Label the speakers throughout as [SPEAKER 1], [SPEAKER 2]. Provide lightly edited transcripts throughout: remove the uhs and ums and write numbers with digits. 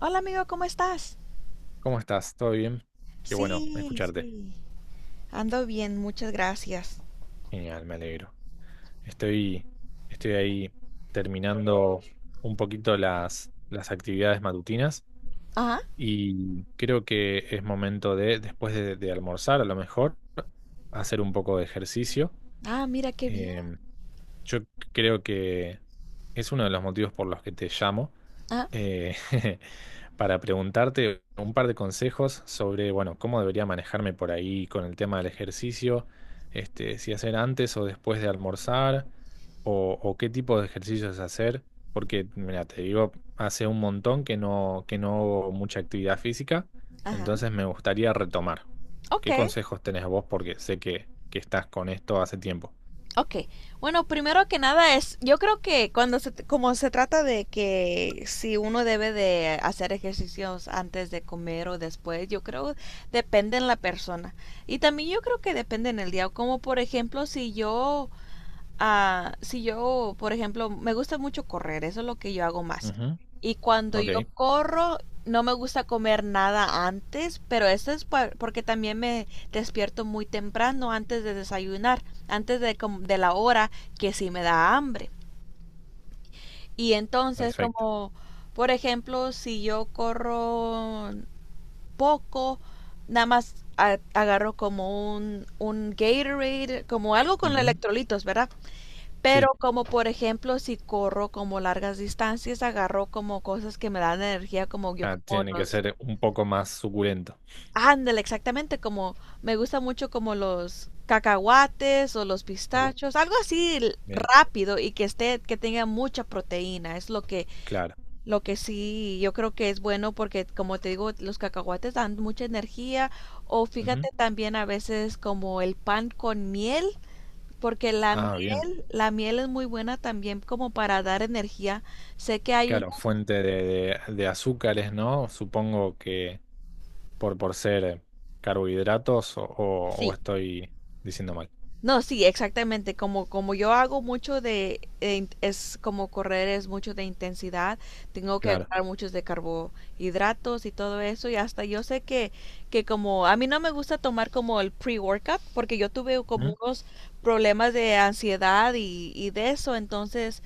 [SPEAKER 1] Hola amigo, ¿cómo estás?
[SPEAKER 2] ¿Cómo estás? ¿Todo bien? Qué bueno
[SPEAKER 1] Sí,
[SPEAKER 2] escucharte.
[SPEAKER 1] sí. Ando bien, muchas gracias.
[SPEAKER 2] Genial, me alegro. Estoy, estoy ahí terminando un poquito las actividades matutinas
[SPEAKER 1] Ajá.
[SPEAKER 2] y creo que es momento de después de almorzar, a lo mejor, hacer un poco de ejercicio.
[SPEAKER 1] Ah, mira qué bien.
[SPEAKER 2] Em, yo creo que es uno de los motivos por los que te llamo,
[SPEAKER 1] Ah,
[SPEAKER 2] eh, para preguntarte un par de consejos sobre, bueno, cómo debería manejarme por ahí con el tema del ejercicio, este, si hacer antes o después de almorzar, o qué tipo de ejercicios hacer, porque, mira, te digo, hace un montón que no hago mucha actividad física,
[SPEAKER 1] ajá.
[SPEAKER 2] entonces me gustaría retomar.
[SPEAKER 1] Ok,
[SPEAKER 2] ¿Qué consejos tenés vos? Porque sé que estás con esto hace tiempo.
[SPEAKER 1] ok. Bueno, primero que nada yo creo que como se trata de que si uno debe de hacer ejercicios antes de comer o después, yo creo depende en la persona. Y también yo creo que depende en el día, como por ejemplo si yo, por ejemplo, me gusta mucho correr, eso es lo que yo hago más.
[SPEAKER 2] Ujú.
[SPEAKER 1] Y cuando
[SPEAKER 2] Ok,
[SPEAKER 1] yo corro, no me gusta comer nada antes, pero porque también me despierto muy temprano antes de desayunar, de la hora que sí me da hambre. Y entonces,
[SPEAKER 2] perfecto.
[SPEAKER 1] como, por ejemplo, si yo corro poco, nada más agarro como un Gatorade, como algo con
[SPEAKER 2] Ujú.
[SPEAKER 1] electrolitos, ¿verdad? Pero
[SPEAKER 2] Sí,
[SPEAKER 1] como por ejemplo si corro como largas distancias, agarro como cosas que me dan energía, como yo
[SPEAKER 2] ah,
[SPEAKER 1] como
[SPEAKER 2] tiene que
[SPEAKER 1] los...
[SPEAKER 2] ser un poco más suculento.
[SPEAKER 1] Ándale, exactamente, como me gusta mucho como los cacahuates o los
[SPEAKER 2] Uh,
[SPEAKER 1] pistachos, algo así
[SPEAKER 2] bien,
[SPEAKER 1] rápido y que tenga mucha proteína, es
[SPEAKER 2] claro.
[SPEAKER 1] lo que sí, yo creo que es bueno porque como te digo, los cacahuates dan mucha energía o
[SPEAKER 2] Ujú.
[SPEAKER 1] fíjate también a veces como el pan con miel porque
[SPEAKER 2] Ah, bien.
[SPEAKER 1] la miel es muy buena también como para dar energía. Sé que hay
[SPEAKER 2] Claro, fuente de azúcares, ¿no? Supongo que por ser carbohidratos o
[SPEAKER 1] sí,
[SPEAKER 2] estoy diciendo mal.
[SPEAKER 1] no, sí, exactamente. Como, como yo hago mucho es como correr, es mucho de intensidad, tengo que
[SPEAKER 2] Claro.
[SPEAKER 1] agarrar muchos de carbohidratos y todo eso. Y hasta yo sé que como a mí no me gusta tomar como el pre-workout, porque yo tuve como
[SPEAKER 2] Ujú.
[SPEAKER 1] unos problemas de ansiedad y de eso. Entonces,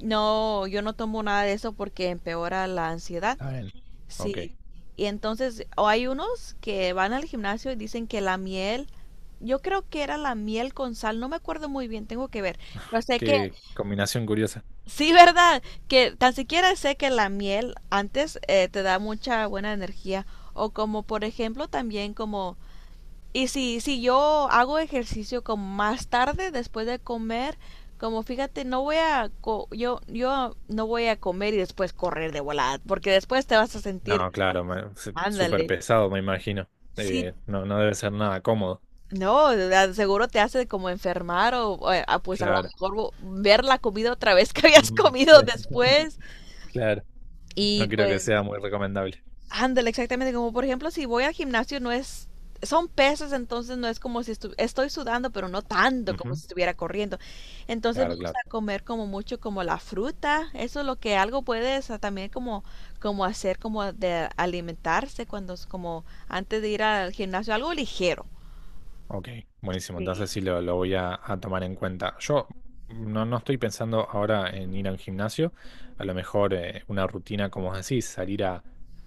[SPEAKER 1] no, yo no tomo nada de eso porque empeora la ansiedad.
[SPEAKER 2] Está bien. Ok.
[SPEAKER 1] Sí, y entonces, o hay unos que van al gimnasio y dicen que yo creo que era la miel con sal, no me acuerdo muy bien, tengo que ver, pero sé que,
[SPEAKER 2] Qué combinación curiosa.
[SPEAKER 1] sí, ¿verdad? Que tan siquiera sé que la miel antes te da mucha buena energía, o como por ejemplo también y si yo hago ejercicio como más tarde después de comer, como fíjate, no voy a, co- yo no voy a comer y después correr de volada, porque después te vas a sentir,
[SPEAKER 2] No, claro, súper
[SPEAKER 1] ándale.
[SPEAKER 2] pesado, me imagino.
[SPEAKER 1] Sí,
[SPEAKER 2] No, no debe ser nada cómodo.
[SPEAKER 1] no, a- seguro te hace como enfermar pues a lo
[SPEAKER 2] Claro.
[SPEAKER 1] mejor ver la comida otra vez que habías
[SPEAKER 2] Mm, sí.
[SPEAKER 1] comido después
[SPEAKER 2] Claro.
[SPEAKER 1] y
[SPEAKER 2] No creo que
[SPEAKER 1] pues
[SPEAKER 2] sea muy recomendable.
[SPEAKER 1] ándale, exactamente como por ejemplo si voy al gimnasio no es, son pesos, entonces no es como si estu- estoy sudando, pero no tanto como
[SPEAKER 2] Ujú.
[SPEAKER 1] si estuviera corriendo. Entonces me
[SPEAKER 2] Claro,
[SPEAKER 1] gusta
[SPEAKER 2] claro.
[SPEAKER 1] comer como mucho como la fruta, eso es lo que algo puedes también como como hacer como de alimentarse cuando es como antes de ir al gimnasio, algo ligero.
[SPEAKER 2] Ok, buenísimo. Entonces
[SPEAKER 1] Sí.
[SPEAKER 2] sí lo voy a tomar en cuenta. Yo no estoy pensando ahora en ir al gimnasio. A lo mejor una rutina, como vos decís, salir a,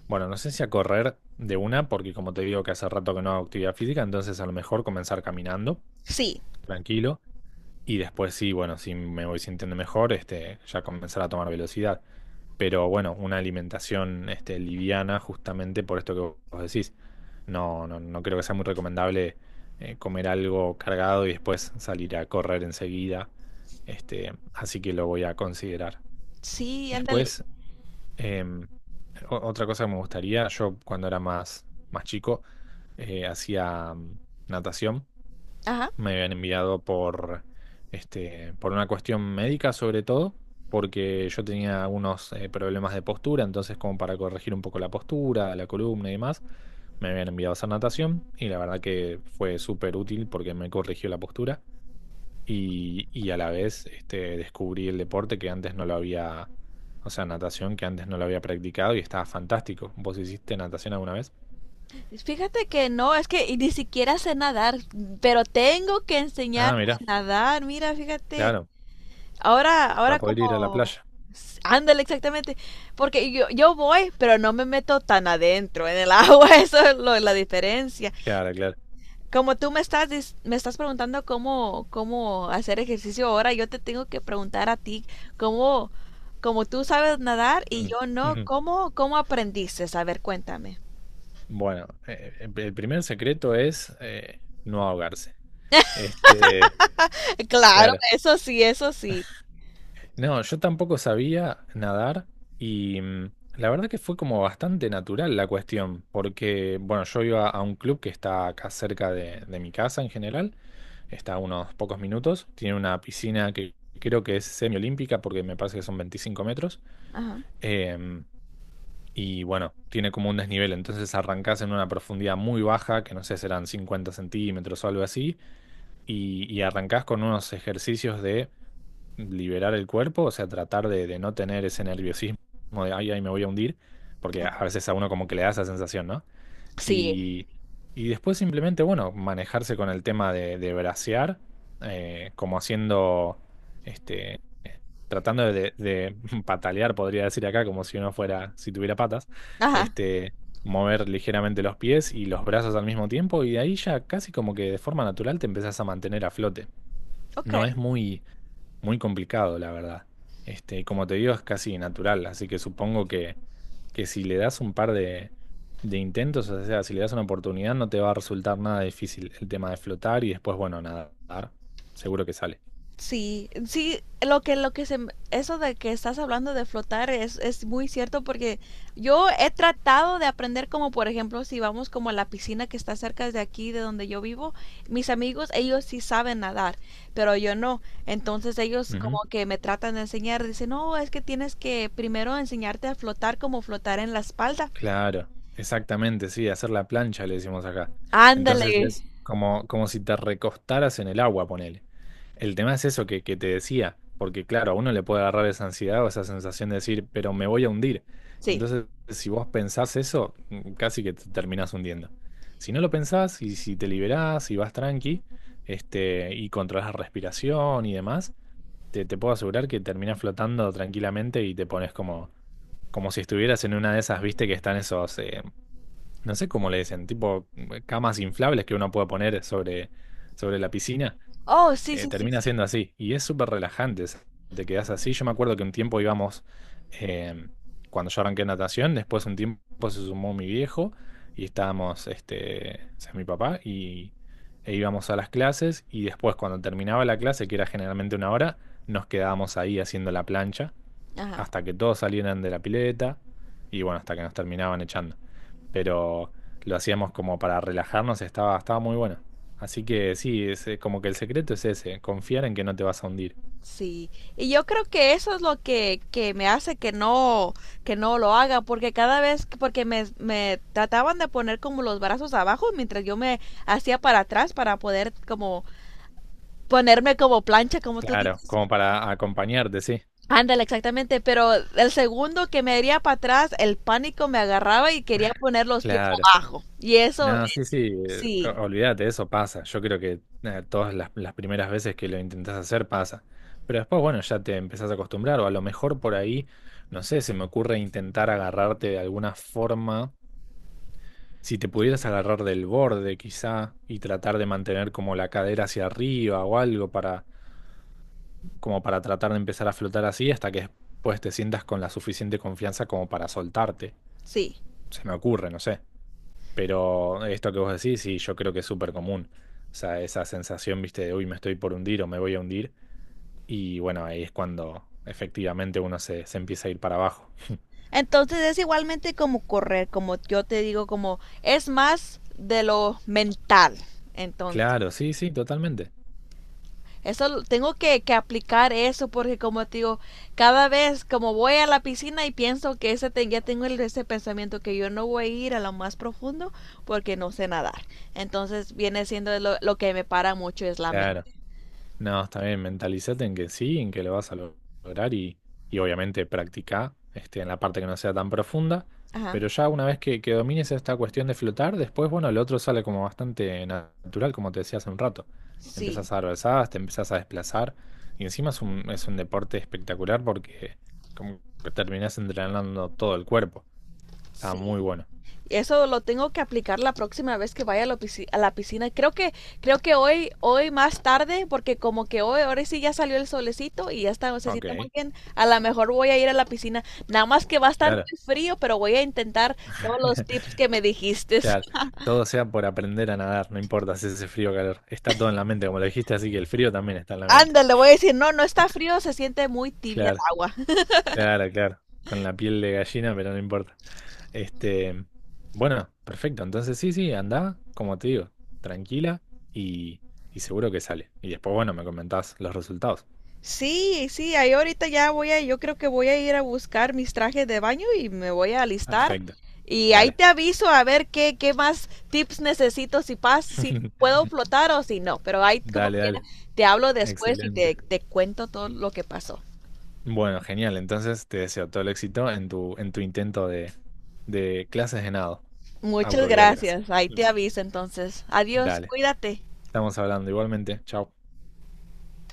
[SPEAKER 2] bueno, no sé si a correr de una, porque como te digo que hace rato que no hago actividad física, entonces a lo mejor comenzar caminando,
[SPEAKER 1] Sí,
[SPEAKER 2] tranquilo. Y después sí, bueno, si me voy sintiendo mejor, este, ya comenzar a tomar velocidad. Pero bueno, una alimentación este, liviana justamente por esto que vos decís. No, no, no creo que sea muy recomendable comer algo cargado y después salir a correr enseguida. Este, así que lo voy a considerar.
[SPEAKER 1] sí, ándale.
[SPEAKER 2] Después, em, otra cosa que me gustaría, yo cuando era más chico, hacía natación
[SPEAKER 1] Ajá.
[SPEAKER 2] me habían enviado este, por una cuestión médica sobre todo, porque yo tenía algunos problemas de postura, entonces como para corregir un poco la postura, la columna y demás, me habían enviado a hacer natación y la verdad que fue súper útil porque me corrigió la postura y a la vez este, descubrí el deporte que antes no lo había, o sea, natación que antes no lo había practicado y estaba fantástico. ¿Vos hiciste natación alguna vez?
[SPEAKER 1] Fíjate que no, es que y ni siquiera sé nadar, pero tengo que
[SPEAKER 2] Ah,
[SPEAKER 1] enseñarme
[SPEAKER 2] mira,
[SPEAKER 1] a nadar. Mira, fíjate.
[SPEAKER 2] claro,
[SPEAKER 1] Ahora, ahora
[SPEAKER 2] para poder ir a la
[SPEAKER 1] como...
[SPEAKER 2] playa.
[SPEAKER 1] Ándale, exactamente. Porque yo voy, pero no me meto tan adentro en el agua. Eso es la diferencia.
[SPEAKER 2] Claro, claro.
[SPEAKER 1] Como tú me me estás preguntando cómo hacer ejercicio ahora, yo te tengo que preguntar a ti cómo, como tú sabes nadar y
[SPEAKER 2] Mm.
[SPEAKER 1] yo no, ¿ cómo aprendiste? A ver, cuéntame.
[SPEAKER 2] Bueno, el primer secreto es no ahogarse. Este,
[SPEAKER 1] Claro,
[SPEAKER 2] claro.
[SPEAKER 1] eso sí, eso sí.
[SPEAKER 2] No, yo tampoco sabía nadar y la verdad que fue como bastante natural la cuestión, porque, bueno, yo iba a un club que está acá cerca de mi casa en general, está a unos pocos minutos, tiene una piscina que creo que es semiolímpica porque me parece que son 25 metros.
[SPEAKER 1] Ajá,
[SPEAKER 2] em, y bueno, tiene como un desnivel, entonces arrancás en una profundidad muy baja, que no sé, serán 50 centímetros o algo así, y arrancás con unos ejercicios de liberar el cuerpo, o sea, tratar de no tener ese nerviosismo de, ay, ay, me voy a hundir, porque a
[SPEAKER 1] ajá,
[SPEAKER 2] veces a uno como que le da esa sensación, ¿no?
[SPEAKER 1] sí,
[SPEAKER 2] Y, y después simplemente, bueno, manejarse con el tema de brasear, como haciendo, este, tratando de patalear, podría decir acá, como si uno fuera, si tuviera patas,
[SPEAKER 1] ajá,
[SPEAKER 2] este, mover ligeramente los pies y los brazos al mismo tiempo, y de ahí ya casi como que de forma natural te empezás a mantener a flote.
[SPEAKER 1] ok.
[SPEAKER 2] No es muy complicado, la verdad. Este, y como te digo, es casi natural, así que supongo que si le das un par de intentos, o sea, si le das una oportunidad, no te va a resultar nada difícil el tema de flotar y después, bueno, nadar, seguro que sale.
[SPEAKER 1] Sí, sí, lo que se, eso de que estás hablando de flotar es muy cierto porque yo he tratado de aprender como, por ejemplo, si vamos como a la piscina que está cerca de aquí, de donde yo vivo, mis amigos, ellos sí saben nadar, pero yo no. Entonces ellos como
[SPEAKER 2] Ujú.
[SPEAKER 1] que me tratan de enseñar, dicen, no, es que tienes que primero enseñarte a flotar como flotar en la espalda.
[SPEAKER 2] Claro, exactamente, sí, hacer la plancha le decimos acá.
[SPEAKER 1] Ándale.
[SPEAKER 2] Entonces es como, como si te recostaras en el agua, ponele. El tema es eso que te decía, porque claro, a uno le puede agarrar esa ansiedad o esa sensación de decir, pero me voy a hundir. Y
[SPEAKER 1] Sí.
[SPEAKER 2] entonces, si vos pensás eso, casi que te terminás hundiendo. Si no lo pensás y si te liberás y vas tranqui, este, y controlás la respiración y demás, te puedo asegurar que terminás flotando tranquilamente y te pones como si estuvieras en una de esas, viste, que están esos, no sé cómo le dicen, tipo camas inflables que uno puede poner sobre, sobre la piscina,
[SPEAKER 1] Oh, sí, sí, sí,
[SPEAKER 2] termina
[SPEAKER 1] sí.
[SPEAKER 2] siendo así. Y es súper relajante, te quedas así. Yo me acuerdo que un tiempo íbamos, eh, cuando yo arranqué natación, después un tiempo se sumó mi viejo y estábamos, este, o sea, mi papá, y, e íbamos a las clases y después cuando terminaba la clase, que era generalmente una hora, nos quedábamos ahí haciendo la plancha
[SPEAKER 1] Ajá.
[SPEAKER 2] hasta que todos salieran de la pileta y bueno, hasta que nos terminaban echando. Pero lo hacíamos como para relajarnos, estaba muy bueno. Así que sí, es, como que el secreto es ese, confiar en que no te vas a hundir.
[SPEAKER 1] Sí, y yo creo que eso es que me hace que no lo haga, porque porque me trataban de poner como los brazos abajo mientras yo me hacía para atrás para poder como ponerme como plancha, como tú
[SPEAKER 2] Claro,
[SPEAKER 1] dices.
[SPEAKER 2] como para acompañarte, sí.
[SPEAKER 1] Ándale, exactamente, pero el segundo que me iría para atrás, el pánico me agarraba y quería poner los pies
[SPEAKER 2] Claro.
[SPEAKER 1] abajo. Y eso,
[SPEAKER 2] No, sí, sí,
[SPEAKER 1] sí,
[SPEAKER 2] olvídate, eso pasa. Yo creo que todas las primeras veces que lo intentás hacer pasa. Pero después, bueno, ya te empezás a acostumbrar o a lo mejor por ahí, no sé, se me ocurre intentar agarrarte de alguna forma. Si te pudieras agarrar del borde quizá y tratar de mantener como la cadera hacia arriba o algo para, como para tratar de empezar a flotar así hasta que después te sientas con la suficiente confianza como para soltarte.
[SPEAKER 1] sí.
[SPEAKER 2] Se me ocurre, no sé. Pero esto que vos decís, sí, yo creo que es súper común. O sea, esa sensación, viste, de uy, me estoy por hundir o me voy a hundir. Y bueno, ahí es cuando efectivamente uno se empieza a ir para abajo.
[SPEAKER 1] Entonces es igualmente como correr, como yo te digo, como es más de lo mental. Entonces,
[SPEAKER 2] Claro, sí, sí, totalmente.
[SPEAKER 1] tengo que aplicar eso porque como te digo, cada vez como voy a la piscina y pienso que ya tengo ese pensamiento que yo no voy a ir a lo más profundo porque no sé nadar. Entonces viene siendo lo que me para mucho es la
[SPEAKER 2] Claro.
[SPEAKER 1] mente.
[SPEAKER 2] No, está bien, mentalicete en que sí, en que lo vas a lograr y obviamente practicá este, en la parte que no sea tan profunda,
[SPEAKER 1] Ajá.
[SPEAKER 2] pero ya una vez que domines esta cuestión de flotar, después, bueno, lo otro sale como bastante natural, como te decía hace un rato.
[SPEAKER 1] Sí.
[SPEAKER 2] Empiezas a dar brazadas, te empiezas a desplazar y encima es un deporte espectacular porque como que terminás entrenando todo el cuerpo. Está muy
[SPEAKER 1] Sí.
[SPEAKER 2] bueno.
[SPEAKER 1] Eso lo tengo que aplicar la próxima vez que vaya a a la piscina. Creo que hoy más tarde, porque como que hoy, ahora sí ya salió el solecito y ya está, se
[SPEAKER 2] Ok,
[SPEAKER 1] siente muy bien. A lo mejor voy a ir a la piscina. Nada más que va a estar
[SPEAKER 2] claro.
[SPEAKER 1] muy frío, pero voy a intentar todos los tips que me dijiste.
[SPEAKER 2] Claro, todo sea por aprender a nadar, no importa si hace frío o calor. Está todo en la mente, como lo dijiste, así que el frío también está en la mente.
[SPEAKER 1] Ándale, voy a decir, no, no está frío, se siente muy tibia el
[SPEAKER 2] Claro,
[SPEAKER 1] agua.
[SPEAKER 2] claro, claro. Con la piel de gallina, pero no importa. Este, bueno, perfecto. Entonces sí, sí, anda, como te digo, tranquila y, y seguro que sale. Y después, bueno, me comentás los resultados.
[SPEAKER 1] Sí, sí, ahí ahorita ya voy a, yo creo que voy a ir a buscar mis trajes de baño y me voy a alistar.
[SPEAKER 2] Perfecto,
[SPEAKER 1] Y ahí
[SPEAKER 2] dale.
[SPEAKER 1] te aviso a ver qué más tips necesito, si puedo flotar o si no. Pero ahí como
[SPEAKER 2] Dale, dale.
[SPEAKER 1] quiera, te hablo después y
[SPEAKER 2] Excelente.
[SPEAKER 1] te cuento todo lo que pasó.
[SPEAKER 2] Bueno, genial. Entonces te deseo todo el éxito en tu intento de clases de nado.
[SPEAKER 1] Muchas
[SPEAKER 2] Autodidactas.
[SPEAKER 1] gracias, ahí
[SPEAKER 2] Mm.
[SPEAKER 1] te aviso entonces. Adiós,
[SPEAKER 2] Dale,
[SPEAKER 1] cuídate.
[SPEAKER 2] estamos hablando igualmente. Chao.